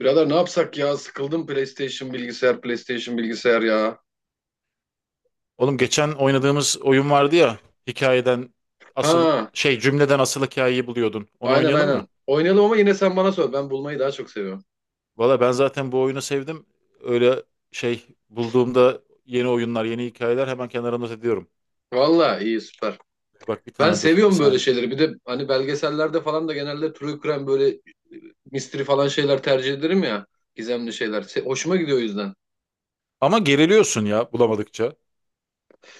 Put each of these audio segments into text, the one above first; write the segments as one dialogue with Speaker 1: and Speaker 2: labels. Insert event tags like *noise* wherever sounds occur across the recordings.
Speaker 1: Birader ne yapsak ya? Sıkıldım PlayStation bilgisayar, PlayStation bilgisayar ya.
Speaker 2: Oğlum geçen oynadığımız oyun vardı ya. Hikayeden asıl
Speaker 1: Ha,
Speaker 2: şey Cümleden asıl hikayeyi buluyordun. Onu
Speaker 1: aynen
Speaker 2: oynayalım mı?
Speaker 1: aynen. Oynayalım ama yine sen bana sor. Ben bulmayı daha çok seviyorum.
Speaker 2: Valla ben zaten bu oyunu sevdim. Öyle bulduğumda yeni oyunlar, yeni hikayeler hemen kenara not ediyorum.
Speaker 1: Valla iyi süper.
Speaker 2: Bak bir
Speaker 1: Ben
Speaker 2: tane dur, bir
Speaker 1: seviyorum böyle
Speaker 2: saniye.
Speaker 1: şeyleri. Bir de hani belgesellerde falan da genelde true crime böyle mystery falan şeyler tercih ederim ya. Gizemli şeyler. Hoşuma gidiyor o yüzden.
Speaker 2: Ama geriliyorsun ya bulamadıkça.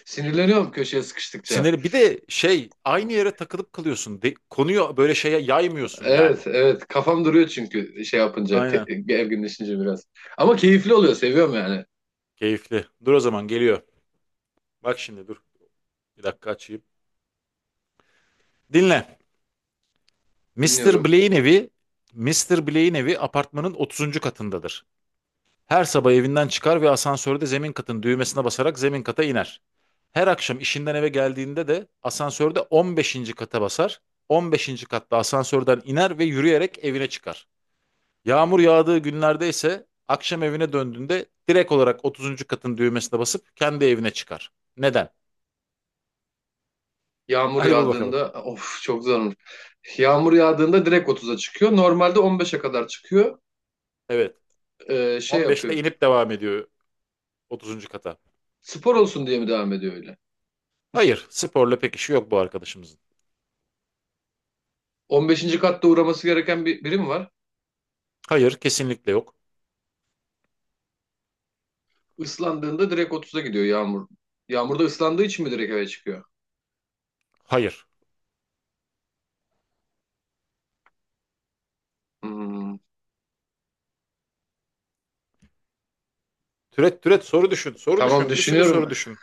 Speaker 1: Sinirleniyorum köşeye sıkıştıkça.
Speaker 2: Sinirli. Bir de şey aynı yere takılıp kalıyorsun. Konuyu böyle şeye yaymıyorsun yani.
Speaker 1: Evet evet. Kafam duruyor çünkü şey yapınca.
Speaker 2: Aynen.
Speaker 1: Gerginleşince biraz. Ama keyifli oluyor. Seviyorum yani.
Speaker 2: Keyifli. Dur o zaman geliyor. Bak şimdi dur. Bir dakika açayım. Dinle. Mr.
Speaker 1: Dinliyorum.
Speaker 2: Blaine evi, Mr. Blaine evi apartmanın otuzuncu katındadır. Her sabah evinden çıkar ve asansörde zemin katın düğmesine basarak zemin kata iner. Her akşam işinden eve geldiğinde de asansörde 15. kata basar. 15. katta asansörden iner ve yürüyerek evine çıkar. Yağmur yağdığı günlerde ise akşam evine döndüğünde direkt olarak otuzuncu katın düğmesine basıp kendi evine çıkar. Neden?
Speaker 1: Yağmur
Speaker 2: Hadi bul bakalım.
Speaker 1: yağdığında of çok zor olur. Yağmur yağdığında direkt otuza çıkıyor. Normalde 15'e kadar çıkıyor.
Speaker 2: Evet.
Speaker 1: Şey
Speaker 2: 15'te
Speaker 1: yapıyor.
Speaker 2: inip devam ediyor otuzuncu kata.
Speaker 1: Spor olsun diye mi devam ediyor öyle?
Speaker 2: Hayır, sporla pek işi yok bu arkadaşımızın.
Speaker 1: 15. katta uğraması gereken bir birim var.
Speaker 2: Hayır, kesinlikle yok.
Speaker 1: Islandığında direkt otuza gidiyor yağmur. Yağmurda ıslandığı için mi direkt eve çıkıyor?
Speaker 2: Hayır.
Speaker 1: Hmm.
Speaker 2: Türet türet soru düşün, soru
Speaker 1: Tamam
Speaker 2: düşün, bir sürü soru
Speaker 1: düşünüyorum.
Speaker 2: düşün.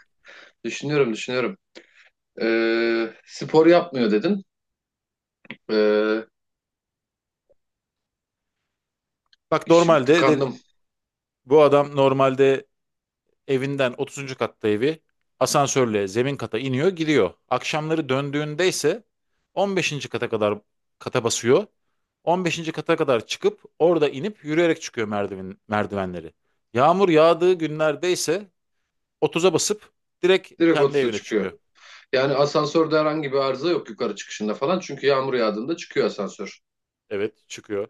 Speaker 1: Düşünüyorum düşünüyorum. Spor yapmıyor dedin. Ee,
Speaker 2: Bak
Speaker 1: Hiç tıkandım.
Speaker 2: bu adam normalde evinden 30. katta evi asansörle zemin kata iniyor, gidiyor. Akşamları döndüğünde ise 15. kata kadar kata basıyor. 15. kata kadar çıkıp orada inip yürüyerek çıkıyor merdivenleri. Yağmur yağdığı günlerde ise 30'a basıp direkt
Speaker 1: Direkt
Speaker 2: kendi
Speaker 1: 30'a
Speaker 2: evine
Speaker 1: çıkıyor.
Speaker 2: çıkıyor.
Speaker 1: Yani asansörde herhangi bir arıza yok yukarı çıkışında falan. Çünkü yağmur yağdığında çıkıyor asansör.
Speaker 2: Evet, çıkıyor.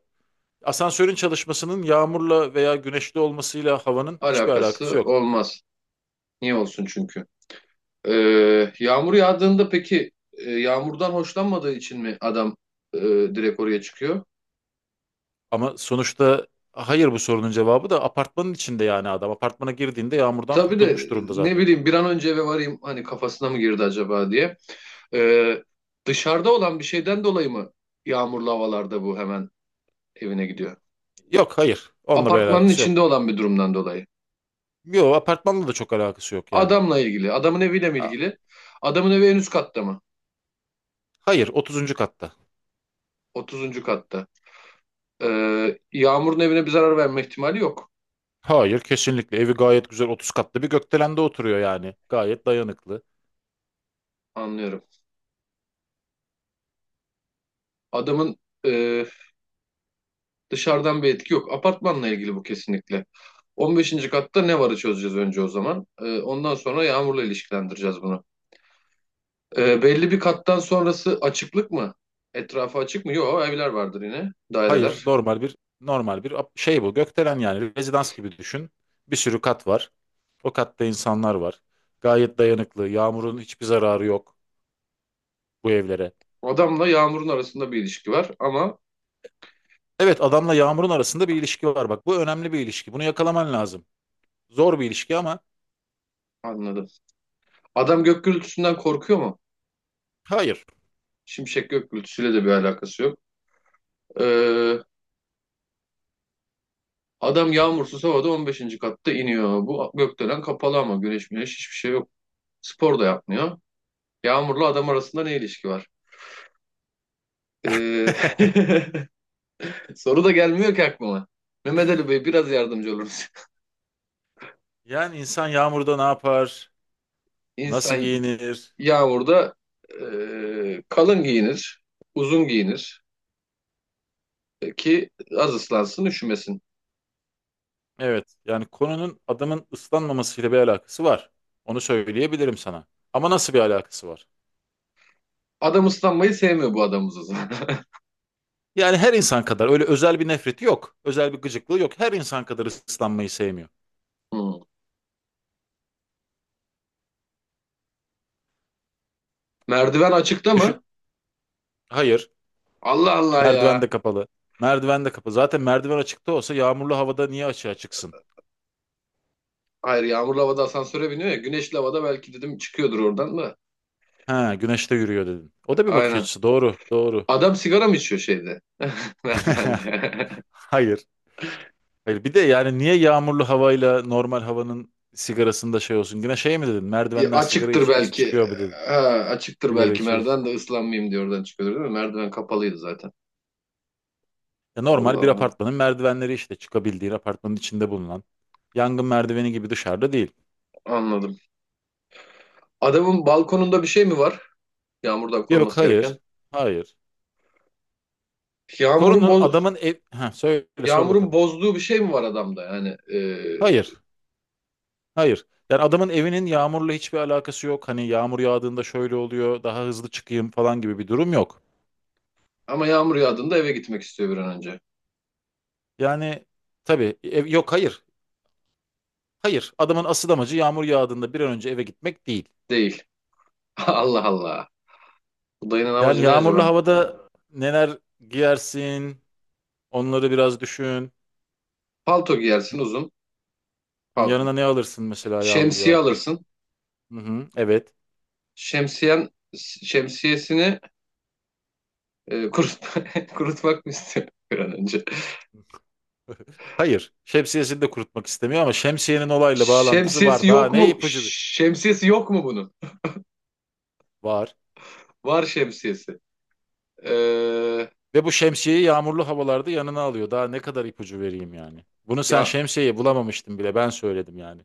Speaker 2: Asansörün çalışmasının yağmurla veya güneşli olmasıyla havanın hiçbir alakası
Speaker 1: Alakası
Speaker 2: yok.
Speaker 1: olmaz. Niye olsun çünkü? Yağmur yağdığında peki yağmurdan hoşlanmadığı için mi adam direkt oraya çıkıyor?
Speaker 2: Ama sonuçta hayır, bu sorunun cevabı da apartmanın içinde, yani adam. Apartmana girdiğinde yağmurdan
Speaker 1: Tabii
Speaker 2: kurtulmuş
Speaker 1: de
Speaker 2: durumda
Speaker 1: ne
Speaker 2: zaten.
Speaker 1: bileyim bir an önce eve varayım hani kafasına mı girdi acaba diye. Ee, Dışarıda olan bir şeyden dolayı mı yağmurlu havalarda bu hemen evine gidiyor?
Speaker 2: Yok hayır. Onunla bir
Speaker 1: Apartmanın
Speaker 2: alakası yok.
Speaker 1: içinde olan bir durumdan dolayı.
Speaker 2: Yok, apartmanla da çok alakası yok yani.
Speaker 1: Adamla ilgili, adamın eviyle mi
Speaker 2: A-
Speaker 1: ilgili? Adamın evi en üst katta mı?
Speaker 2: Hayır, 30. katta.
Speaker 1: Otuzuncu katta. Yağmurun evine bir zarar verme ihtimali yok.
Speaker 2: Hayır, kesinlikle evi gayet güzel, 30 katlı bir gökdelende oturuyor yani. Gayet dayanıklı.
Speaker 1: Anlıyorum. Adamın e, dışarıdan bir etki yok. Apartmanla ilgili bu kesinlikle. On beşinci katta ne varı çözeceğiz önce o zaman. Ondan sonra yağmurla ilişkilendireceğiz bunu. Belli bir kattan sonrası açıklık mı? Etrafı açık mı? Yok, evler vardır yine,
Speaker 2: Hayır,
Speaker 1: daireler.
Speaker 2: normal bir bu gökdelen yani, rezidans gibi düşün. Bir sürü kat var. O katta insanlar var. Gayet dayanıklı. Yağmurun hiçbir zararı yok bu evlere.
Speaker 1: Adamla yağmurun arasında bir ilişki var ama
Speaker 2: Evet, adamla Yağmur'un arasında bir ilişki var. Bak bu önemli bir ilişki. Bunu yakalaman lazım. Zor bir ilişki ama
Speaker 1: anladım. Adam gök gürültüsünden korkuyor mu?
Speaker 2: hayır.
Speaker 1: Şimşek gök gürültüsüyle de bir alakası yok. E, Adam yağmursuz havada on beşinci katta iniyor. Bu gökdelen kapalı ama güneş müneş hiçbir şey yok. Spor da yapmıyor. Yağmurlu adam arasında ne ilişki var? Ee,
Speaker 2: *laughs*
Speaker 1: *laughs* Soru da gelmiyor ki aklıma. Mehmet Ali Bey biraz yardımcı oluruz.
Speaker 2: Yani insan Yağmur'da ne yapar?
Speaker 1: *laughs*
Speaker 2: Nasıl
Speaker 1: İnsan
Speaker 2: giyinir?
Speaker 1: yağmurda kalın giyinir, uzun giyinir ki az ıslansın, üşümesin.
Speaker 2: Evet, yani konunun adamın ıslanmamasıyla bir alakası var. Onu söyleyebilirim sana. Ama nasıl bir alakası var?
Speaker 1: Adam ıslanmayı sevmiyor bu adamız o zaman. *laughs*
Speaker 2: Yani her insan kadar, öyle özel bir nefreti yok. Özel bir gıcıklığı yok. Her insan kadar ıslanmayı sevmiyor.
Speaker 1: Hmm. Merdiven açıkta
Speaker 2: Düşün.
Speaker 1: mı?
Speaker 2: Hayır.
Speaker 1: Allah Allah
Speaker 2: Merdiven
Speaker 1: ya.
Speaker 2: de kapalı. Merdiven de kapalı. Zaten merdiven açıkta olsa yağmurlu havada niye açığa çıksın?
Speaker 1: Hayır yağmurlu havada asansöre biniyor ya. Güneşli havada belki dedim çıkıyordur oradan da.
Speaker 2: Ha, güneşte yürüyor dedin. O da bir bakış
Speaker 1: Aynen.
Speaker 2: açısı. Doğru, doğru.
Speaker 1: Adam sigara mı içiyor şeyde? *laughs*
Speaker 2: *laughs*
Speaker 1: Merdivende.
Speaker 2: Hayır. Hayır. Bir de yani niye yağmurlu havayla normal havanın sigarasında şey olsun? Yine şey mi dedin?
Speaker 1: E,
Speaker 2: Merdivenden sigara
Speaker 1: açıktır
Speaker 2: içe içe
Speaker 1: belki.
Speaker 2: çıkıyor mu dedin?
Speaker 1: Ha, açıktır
Speaker 2: Sigara
Speaker 1: belki
Speaker 2: içe içe.
Speaker 1: merdiven de ıslanmayayım diye oradan çıkıyordur değil mi? Merdiven kapalıydı zaten.
Speaker 2: Ya normal
Speaker 1: Allah
Speaker 2: bir
Speaker 1: Allah.
Speaker 2: apartmanın merdivenleri işte, çıkabildiğin apartmanın içinde bulunan. Yangın merdiveni gibi dışarıda değil.
Speaker 1: Anladım. Adamın balkonunda bir şey mi var? Yağmurdan
Speaker 2: Yok
Speaker 1: koruması gereken.
Speaker 2: hayır. Hayır.
Speaker 1: Yağmurun
Speaker 2: Korunun
Speaker 1: boz
Speaker 2: adamın ev... Ha, söyle sor
Speaker 1: Yağmurun
Speaker 2: bakalım.
Speaker 1: bozduğu bir şey mi var adamda?
Speaker 2: Hayır. Hayır. Yani adamın evinin yağmurla hiçbir alakası yok. Hani yağmur yağdığında şöyle oluyor, daha hızlı çıkayım falan gibi bir durum yok.
Speaker 1: Ama yağmur yağdığında eve gitmek istiyor bir an önce.
Speaker 2: Yani tabii ev, yok hayır. Hayır. Adamın asıl amacı yağmur yağdığında bir an önce eve gitmek değil.
Speaker 1: Değil. *laughs* Allah Allah. Bu dayının
Speaker 2: Yani
Speaker 1: amacı ne
Speaker 2: yağmurlu
Speaker 1: acaba?
Speaker 2: havada neler giyersin? Onları biraz düşün.
Speaker 1: Palto giyersin uzun.
Speaker 2: Yani
Speaker 1: Pal-
Speaker 2: yanına ne alırsın mesela yağmur
Speaker 1: Şemsiye
Speaker 2: yağarken?
Speaker 1: alırsın.
Speaker 2: Hı hı, evet.
Speaker 1: Şemsiyen Şemsiyesini *laughs* kurutmak mı istiyor bir an önce?
Speaker 2: Hayır. Şemsiyesini de kurutmak istemiyor ama şemsiyenin olayla bağlantısı
Speaker 1: Şemsiyesi
Speaker 2: var. Daha
Speaker 1: yok
Speaker 2: ne
Speaker 1: mu?
Speaker 2: ipucu bir...
Speaker 1: Şemsiyesi yok mu bunun?
Speaker 2: Var.
Speaker 1: Var şemsiyesi. Ee,
Speaker 2: Ve bu şemsiyeyi yağmurlu havalarda yanına alıyor. Daha ne kadar ipucu vereyim yani. Bunu sen
Speaker 1: ya
Speaker 2: şemsiyeyi bulamamıştın bile. Ben söyledim yani.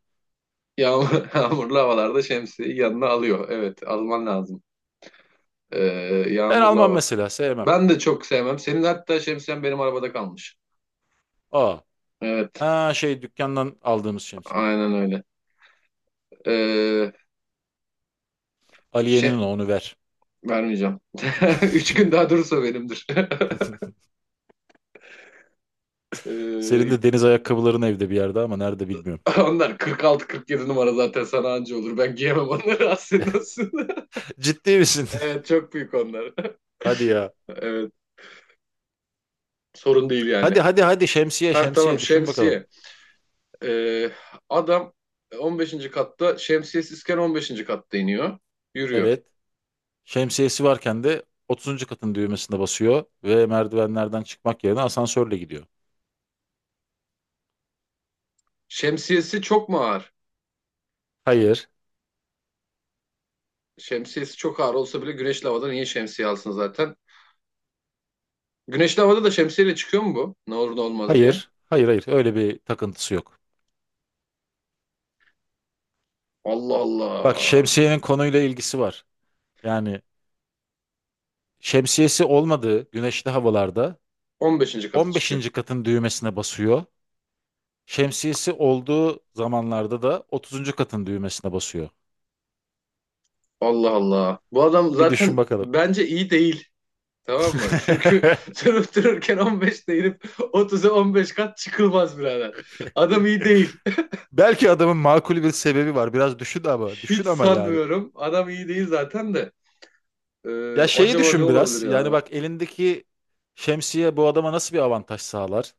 Speaker 1: *laughs* yağmurlu havalarda şemsiyeyi yanına alıyor. Evet, alman lazım. Ee,
Speaker 2: Ben
Speaker 1: Yağmurlu
Speaker 2: almam
Speaker 1: hava.
Speaker 2: mesela. Sevmem.
Speaker 1: Ben de çok sevmem. Senin hatta şemsiyen benim arabada kalmış.
Speaker 2: Aa.
Speaker 1: Evet,
Speaker 2: Ha, şey dükkandan aldığımız şemsiye.
Speaker 1: aynen öyle. Ee, şey
Speaker 2: Aliye'nin o, onu ver.
Speaker 1: Vermeyeceğim. *laughs*
Speaker 2: *laughs*
Speaker 1: Üç gün daha durursa benimdir. *laughs*
Speaker 2: Senin
Speaker 1: Ee,
Speaker 2: de deniz ayakkabıların evde bir yerde ama nerede bilmiyorum.
Speaker 1: Onlar 46-47 numara zaten sana anca olur. Ben giyemem onları *laughs* aslında.
Speaker 2: *laughs* Ciddi misin?
Speaker 1: *laughs* Evet, çok büyük onlar.
Speaker 2: *laughs* Hadi ya.
Speaker 1: *laughs* Evet. Sorun değil
Speaker 2: Hadi
Speaker 1: yani.
Speaker 2: hadi hadi, şemsiye
Speaker 1: Ha tamam
Speaker 2: şemsiye düşün bakalım.
Speaker 1: şemsiye. Ee, Adam on beşinci katta şemsiyesizken on beşinci katta iniyor. Yürüyor.
Speaker 2: Evet. Şemsiyesi varken de 30. katın düğmesine basıyor ve merdivenlerden çıkmak yerine asansörle gidiyor.
Speaker 1: Şemsiyesi çok mu ağır?
Speaker 2: Hayır.
Speaker 1: Şemsiyesi çok ağır olsa bile güneşli havada niye şemsiye alsın zaten? Güneşli havada da şemsiyeyle çıkıyor mu bu? Ne olur ne olmaz diye.
Speaker 2: Hayır, hayır, hayır. Öyle bir takıntısı yok.
Speaker 1: Allah
Speaker 2: Bak,
Speaker 1: Allah.
Speaker 2: şemsiyenin konuyla ilgisi var. Yani şemsiyesi olmadığı güneşli havalarda
Speaker 1: On beşinci kata çıkıyor.
Speaker 2: 15. katın düğmesine basıyor. Şemsiyesi olduğu zamanlarda da 30. katın düğmesine basıyor.
Speaker 1: Allah Allah. Bu adam
Speaker 2: Bir düşün
Speaker 1: zaten
Speaker 2: bakalım.
Speaker 1: bence iyi değil. Tamam mı? Çünkü *laughs*
Speaker 2: *laughs*
Speaker 1: sen otururken 15'te inip otuza 15 kat çıkılmaz birader. Adam iyi değil.
Speaker 2: Belki adamın makul bir sebebi var. Biraz düşün ama,
Speaker 1: Hiç
Speaker 2: düşün ama yani.
Speaker 1: sanmıyorum. Adam iyi değil zaten de.
Speaker 2: Ya şeyi
Speaker 1: Acaba ne
Speaker 2: düşün
Speaker 1: olabilir
Speaker 2: biraz. Yani
Speaker 1: ya?
Speaker 2: bak, elindeki şemsiye bu adama nasıl bir avantaj sağlar?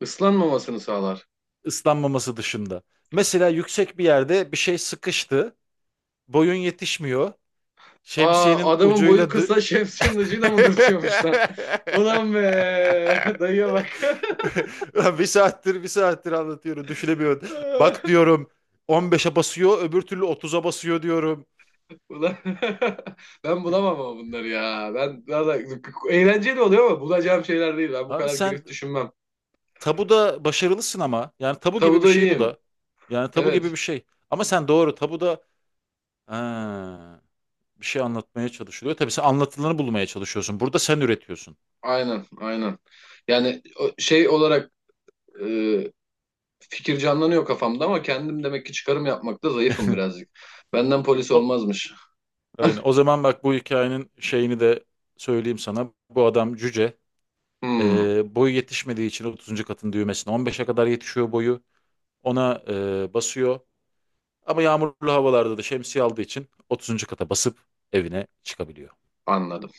Speaker 1: Islanmamasını sağlar.
Speaker 2: Islanmaması dışında. Mesela yüksek bir yerde bir şey sıkıştı. Boyun yetişmiyor.
Speaker 1: Aa
Speaker 2: Şemsiyenin
Speaker 1: adamın
Speaker 2: ucuyla
Speaker 1: boyu
Speaker 2: dü-
Speaker 1: kısa *laughs* şemsiyenin ucuyla mı dürtüyormuş lan? *laughs*
Speaker 2: *laughs*
Speaker 1: Ulan be dayıya bak.
Speaker 2: Ulan bir saattir bir saattir anlatıyorum, düşünemiyorum. Bak
Speaker 1: *laughs*
Speaker 2: diyorum 15'e basıyor, öbür türlü 30'a basıyor diyorum.
Speaker 1: Ulan *laughs* ben bulamam ama bunları ya. Ben daha da eğlenceli oluyor ama bulacağım şeyler değil. Ben bu
Speaker 2: Abi
Speaker 1: kadar
Speaker 2: sen
Speaker 1: girip düşünmem.
Speaker 2: tabuda başarılısın ama yani tabu gibi
Speaker 1: Tavuğu
Speaker 2: bir
Speaker 1: da
Speaker 2: şey bu
Speaker 1: yiyeyim.
Speaker 2: da. Yani tabu gibi
Speaker 1: Evet.
Speaker 2: bir şey. Ama sen doğru tabuda, ha, bir şey anlatmaya çalışılıyor. Tabii sen anlatılanı bulmaya çalışıyorsun. Burada sen üretiyorsun.
Speaker 1: Aynen, aynen. Yani o- şey olarak e, Fikir canlanıyor kafamda ama kendim demek ki çıkarım yapmakta zayıfım
Speaker 2: *laughs*
Speaker 1: birazcık. Benden polis
Speaker 2: O,
Speaker 1: olmazmış.
Speaker 2: aynen. O zaman bak, bu hikayenin şeyini de söyleyeyim sana. Bu adam cüce.
Speaker 1: Hmm,
Speaker 2: Boyu yetişmediği için otuzuncu katın düğmesine on beşe kadar yetişiyor boyu. Ona basıyor. Ama yağmurlu havalarda da şemsiye aldığı için otuzuncu kata basıp evine çıkabiliyor.
Speaker 1: anladım.